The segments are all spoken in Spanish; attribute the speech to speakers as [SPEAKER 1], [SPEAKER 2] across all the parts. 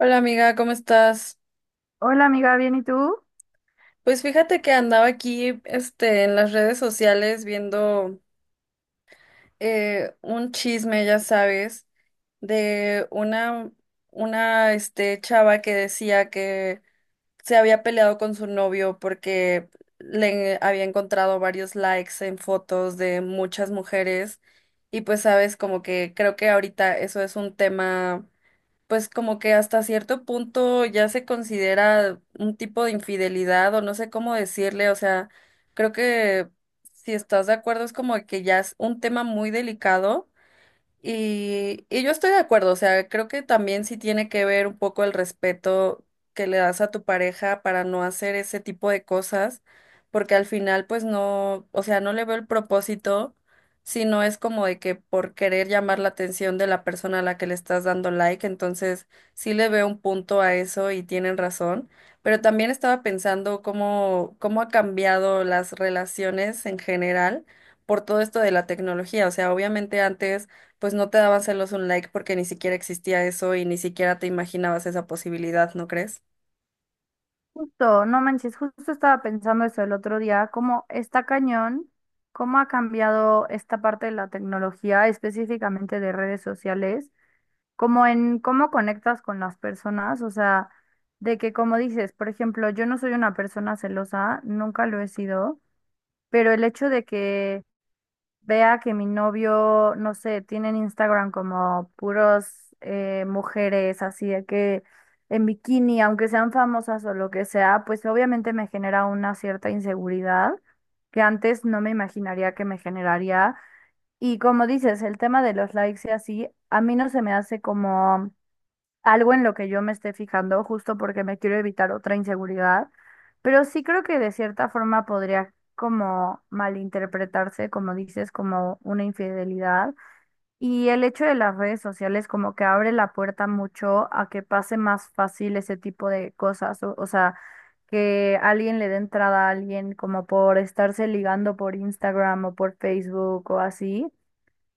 [SPEAKER 1] Hola amiga, ¿cómo estás?
[SPEAKER 2] Hola amiga, ¿bien y tú?
[SPEAKER 1] Pues fíjate que andaba aquí, en las redes sociales viendo un chisme, ya sabes, de una chava que decía que se había peleado con su novio porque le había encontrado varios likes en fotos de muchas mujeres y pues sabes, como que creo que ahorita eso es un tema pues como que hasta cierto punto ya se considera un tipo de infidelidad o no sé cómo decirle, o sea, creo que si estás de acuerdo es como que ya es un tema muy delicado y yo estoy de acuerdo, o sea, creo que también sí tiene que ver un poco el respeto que le das a tu pareja para no hacer ese tipo de cosas, porque al final pues no, o sea, no le veo el propósito, sino es como de que por querer llamar la atención de la persona a la que le estás dando like. Entonces sí le veo un punto a eso y tienen razón, pero también estaba pensando cómo ha cambiado las relaciones en general por todo esto de la tecnología, o sea, obviamente antes pues no te daban celos un like porque ni siquiera existía eso y ni siquiera te imaginabas esa posibilidad, ¿no crees?
[SPEAKER 2] Justo, no manches, justo estaba pensando eso el otro día, cómo está cañón, cómo ha cambiado esta parte de la tecnología, específicamente de redes sociales, como en cómo conectas con las personas, o sea, de que como dices, por ejemplo, yo no soy una persona celosa, nunca lo he sido, pero el hecho de que vea que mi novio, no sé, tiene en Instagram como puros mujeres así de que en bikini, aunque sean famosas o lo que sea, pues obviamente me genera una cierta inseguridad que antes no me imaginaría que me generaría. Y como dices, el tema de los likes y así, a mí no se me hace como algo en lo que yo me esté fijando, justo porque me quiero evitar otra inseguridad, pero sí creo que de cierta forma podría como malinterpretarse, como dices, como una infidelidad. Y el hecho de las redes sociales como que abre la puerta mucho a que pase más fácil ese tipo de cosas, o sea, que alguien le dé entrada a alguien como por estarse ligando por Instagram o por Facebook o así,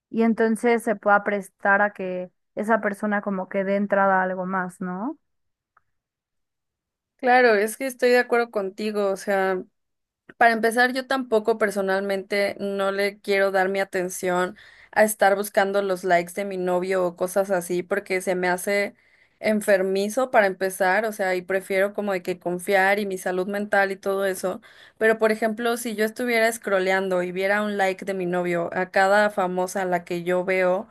[SPEAKER 2] y entonces se pueda prestar a que esa persona como que dé entrada a algo más, ¿no?
[SPEAKER 1] Claro, es que estoy de acuerdo contigo, o sea, para empezar, yo tampoco personalmente no le quiero dar mi atención a estar buscando los likes de mi novio o cosas así porque se me hace enfermizo para empezar, o sea, y prefiero como de que confiar y mi salud mental y todo eso, pero por ejemplo, si yo estuviera scrolleando y viera un like de mi novio a cada famosa a la que yo veo,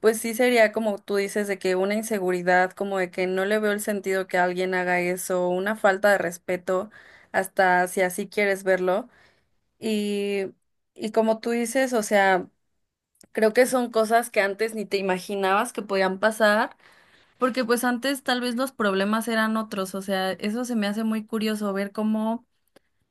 [SPEAKER 1] pues sí sería como tú dices de que una inseguridad, como de que no le veo el sentido que alguien haga eso, una falta de respeto, hasta si así quieres verlo. Y, y como tú dices, o sea, creo que son cosas que antes ni te imaginabas que podían pasar, porque pues antes tal vez los problemas eran otros, o sea, eso se me hace muy curioso ver cómo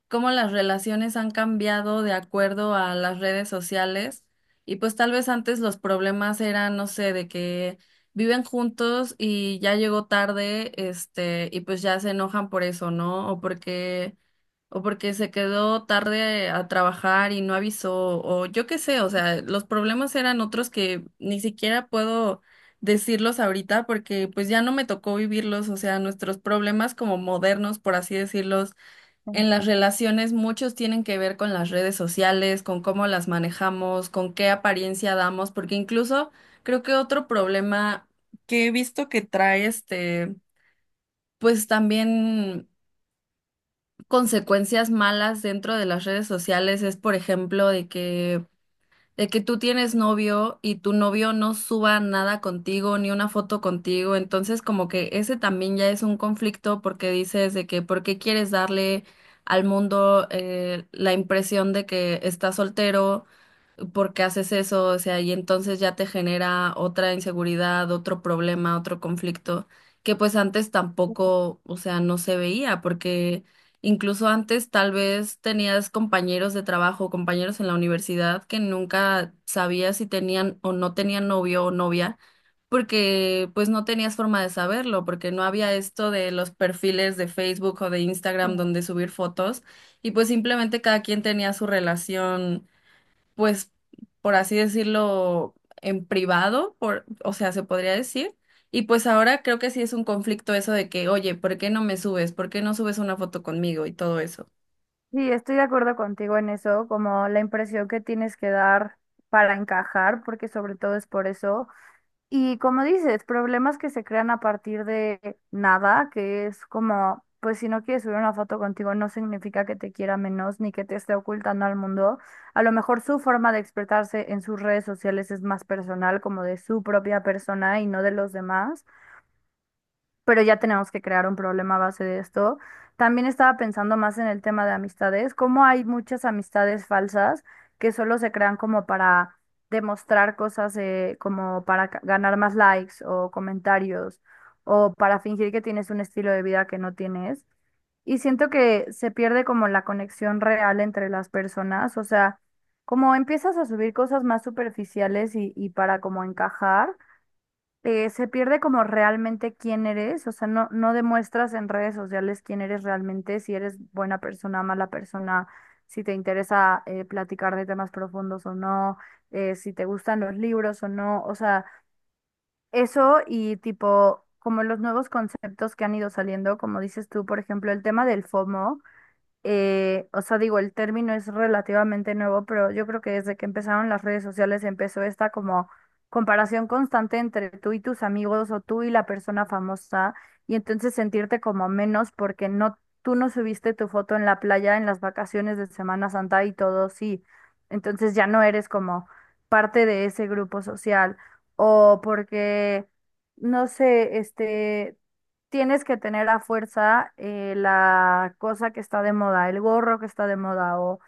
[SPEAKER 1] cómo las relaciones han cambiado de acuerdo a las redes sociales. Y pues tal vez antes los problemas eran, no sé, de que viven juntos y ya llegó tarde, y pues ya se enojan por eso, ¿no? O porque se quedó tarde a trabajar y no avisó, o yo qué sé, o sea, los problemas eran otros que ni siquiera puedo decirlos ahorita porque pues ya no me tocó vivirlos, o sea, nuestros problemas como modernos, por así decirlos
[SPEAKER 2] Sí,
[SPEAKER 1] en las relaciones muchos tienen que ver con las redes sociales, con cómo las manejamos, con qué apariencia damos, porque incluso creo que otro problema que he visto que trae pues también consecuencias malas dentro de las redes sociales es, por ejemplo, de que tú tienes novio y tu novio no suba nada contigo, ni una foto contigo, entonces como que ese también ya es un conflicto porque dices de que por qué quieres darle al mundo la impresión de que estás soltero. ¿Por qué haces eso? O sea, y entonces ya te genera otra inseguridad, otro problema, otro conflicto, que pues antes tampoco, o sea, no se veía, porque incluso antes tal vez tenías compañeros de trabajo, compañeros en la universidad que nunca sabías si tenían o no tenían novio o novia, porque pues no tenías forma de saberlo, porque no había esto de los perfiles de Facebook o de Instagram
[SPEAKER 2] sí.
[SPEAKER 1] donde subir fotos, y pues simplemente cada quien tenía su relación pues, por así decirlo, en privado, por, o sea, se podría decir. Y pues ahora creo que sí es un conflicto eso de que, oye, ¿por qué no me subes? ¿Por qué no subes una foto conmigo? Y todo eso.
[SPEAKER 2] Sí, estoy de acuerdo contigo en eso, como la impresión que tienes que dar para encajar, porque sobre todo es por eso. Y como dices, problemas que se crean a partir de nada, que es como, pues si no quieres subir una foto contigo no significa que te quiera menos ni que te esté ocultando al mundo. A lo mejor su forma de expresarse en sus redes sociales es más personal, como de su propia persona y no de los demás, pero ya tenemos que crear un problema a base de esto. También estaba pensando más en el tema de amistades, cómo hay muchas amistades falsas que solo se crean como para demostrar cosas, como para ganar más likes o comentarios o para fingir que tienes un estilo de vida que no tienes. Y siento que se pierde como la conexión real entre las personas, o sea, como empiezas a subir cosas más superficiales y para como encajar, se pierde como realmente quién eres, o sea, no demuestras en redes sociales quién eres realmente, si eres buena persona, mala persona, si te interesa platicar de temas profundos o no, si te gustan los libros o no, o sea, eso y tipo, como los nuevos conceptos que han ido saliendo, como dices tú, por ejemplo, el tema del FOMO. O sea, digo, el término es relativamente nuevo, pero yo creo que desde que empezaron las redes sociales empezó esta como comparación constante entre tú y tus amigos o tú y la persona famosa y entonces sentirte como menos porque no, tú no subiste tu foto en la playa en las vacaciones de Semana Santa y todo, sí. Entonces ya no eres como parte de ese grupo social o porque... No sé, este, tienes que tener a fuerza la cosa que está de moda, el gorro que está de moda o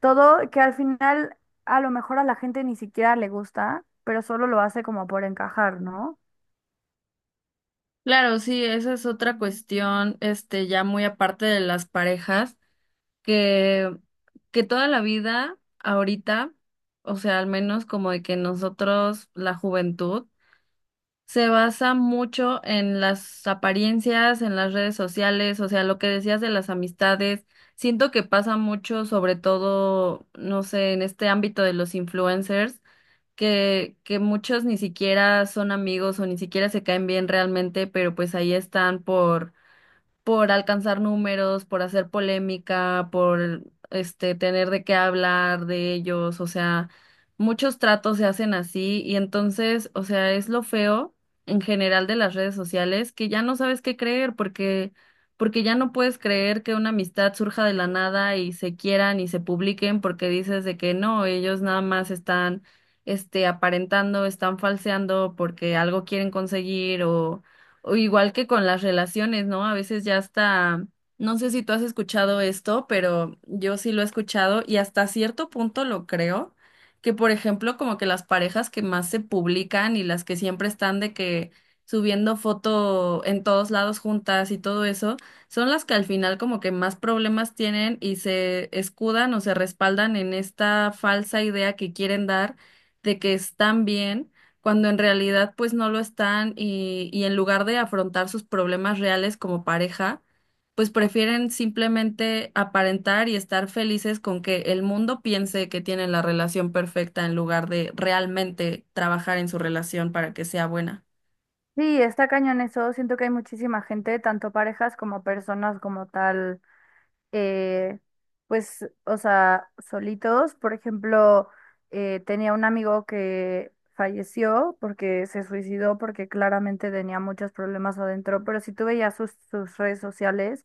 [SPEAKER 2] todo que al final a lo mejor a la gente ni siquiera le gusta, pero solo lo hace como por encajar, ¿no?
[SPEAKER 1] Claro, sí, esa es otra cuestión, ya muy aparte de las parejas, que, que toda la vida, ahorita, o sea, al menos como de que nosotros, la juventud, se basa mucho en las apariencias, en las redes sociales, o sea, lo que decías de las amistades. Siento que pasa mucho, sobre todo, no sé, en este ámbito de los influencers, que muchos ni siquiera son amigos o ni siquiera se caen bien realmente, pero pues ahí están por alcanzar números, por hacer polémica, por tener de qué hablar de ellos, o sea, muchos tratos se hacen así y entonces, o sea, es lo feo en general de las redes sociales que ya no sabes qué creer porque ya no puedes creer que una amistad surja de la nada y se quieran y se publiquen porque dices de que no, ellos nada más están aparentando, están falseando porque algo quieren conseguir o igual que con las relaciones, ¿no? A veces ya hasta, no sé si tú has escuchado esto, pero yo sí lo he escuchado y hasta cierto punto lo creo, que por ejemplo como que las parejas que más se publican y las que siempre están de que subiendo foto en todos lados juntas y todo eso, son las que al final como que más problemas tienen y se escudan o se respaldan en esta falsa idea que quieren dar de que están bien cuando en realidad pues no lo están y en lugar de afrontar sus problemas reales como pareja, pues prefieren simplemente aparentar y estar felices con que el mundo piense que tienen la relación perfecta en lugar de realmente trabajar en su relación para que sea buena.
[SPEAKER 2] Sí, está cañón eso. Siento que hay muchísima gente, tanto parejas como personas como tal, eh, pues, o sea, solitos. Por ejemplo, tenía un amigo que falleció porque se suicidó porque claramente tenía muchos problemas adentro, pero si tú veías sus redes sociales,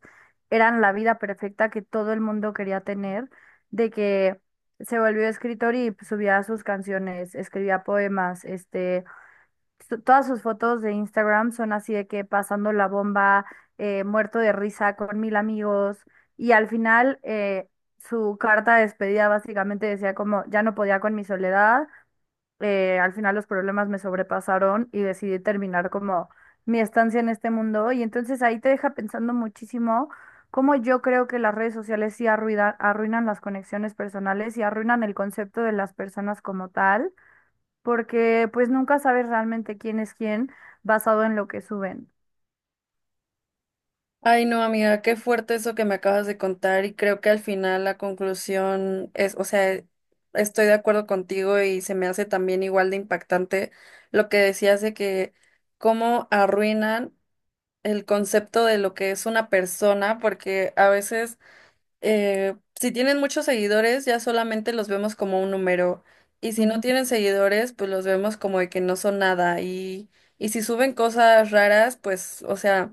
[SPEAKER 2] eran la vida perfecta que todo el mundo quería tener, de que se volvió escritor y subía sus canciones, escribía poemas, este todas sus fotos de Instagram son así de que pasando la bomba, muerto de risa con mil amigos. Y al final, su carta de despedida básicamente decía como, ya no podía con mi soledad, al final los problemas me sobrepasaron y decidí terminar como mi estancia en este mundo. Y entonces ahí te deja pensando muchísimo cómo yo creo que las redes sociales sí arruinan las conexiones personales y arruinan el concepto de las personas como tal, porque pues nunca sabes realmente quién es quién basado en lo que suben.
[SPEAKER 1] Ay, no, amiga, qué fuerte eso que me acabas de contar y creo que al final la conclusión es, o sea, estoy de acuerdo contigo y se me hace también igual de impactante lo que decías de que cómo arruinan el concepto de lo que es una persona, porque a veces si tienen muchos seguidores, ya solamente los vemos como un número. Y si no
[SPEAKER 2] Ujú.
[SPEAKER 1] tienen seguidores, pues los vemos como de que no son nada. Y si suben cosas raras, pues, o sea,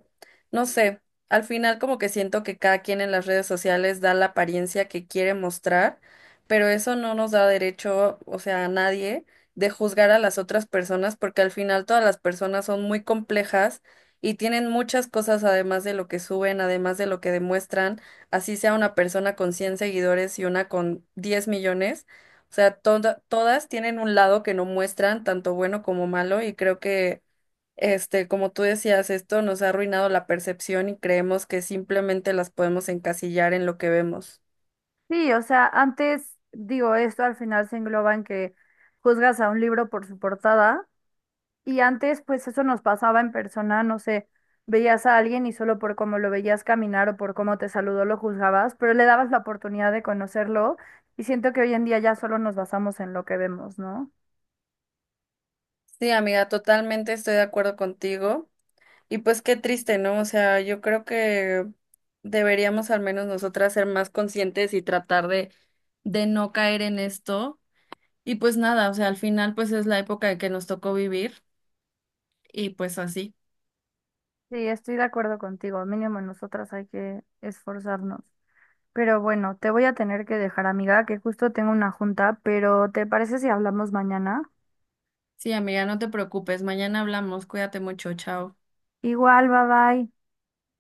[SPEAKER 1] no sé. Al final como que siento que cada quien en las redes sociales da la apariencia que quiere mostrar, pero eso no nos da derecho, o sea, a nadie, de juzgar a las otras personas, porque al final todas las personas son muy complejas y tienen muchas cosas además de lo que suben, además de lo que demuestran así sea una persona con 100 seguidores y una con 10 millones, o sea, todas tienen un lado que no muestran, tanto bueno como malo, y creo que, como tú decías, esto nos ha arruinado la percepción y creemos que simplemente las podemos encasillar en lo que vemos.
[SPEAKER 2] Sí, o sea, antes digo, esto al final se engloba en que juzgas a un libro por su portada y antes pues eso nos pasaba en persona, no sé, veías a alguien y solo por cómo lo veías caminar o por cómo te saludó lo juzgabas, pero le dabas la oportunidad de conocerlo y siento que hoy en día ya solo nos basamos en lo que vemos, ¿no?
[SPEAKER 1] Sí, amiga, totalmente estoy de acuerdo contigo. Y pues qué triste, ¿no? O sea, yo creo que deberíamos al menos nosotras ser más conscientes y tratar de no caer en esto. Y pues nada, o sea, al final pues es la época que nos tocó vivir y pues así.
[SPEAKER 2] Sí, estoy de acuerdo contigo, mínimo nosotras hay que esforzarnos. Pero bueno, te voy a tener que dejar, amiga, que justo tengo una junta, pero ¿te parece si hablamos mañana?
[SPEAKER 1] Sí, amiga, no te preocupes, mañana hablamos, cuídate mucho, chao.
[SPEAKER 2] Igual, bye bye.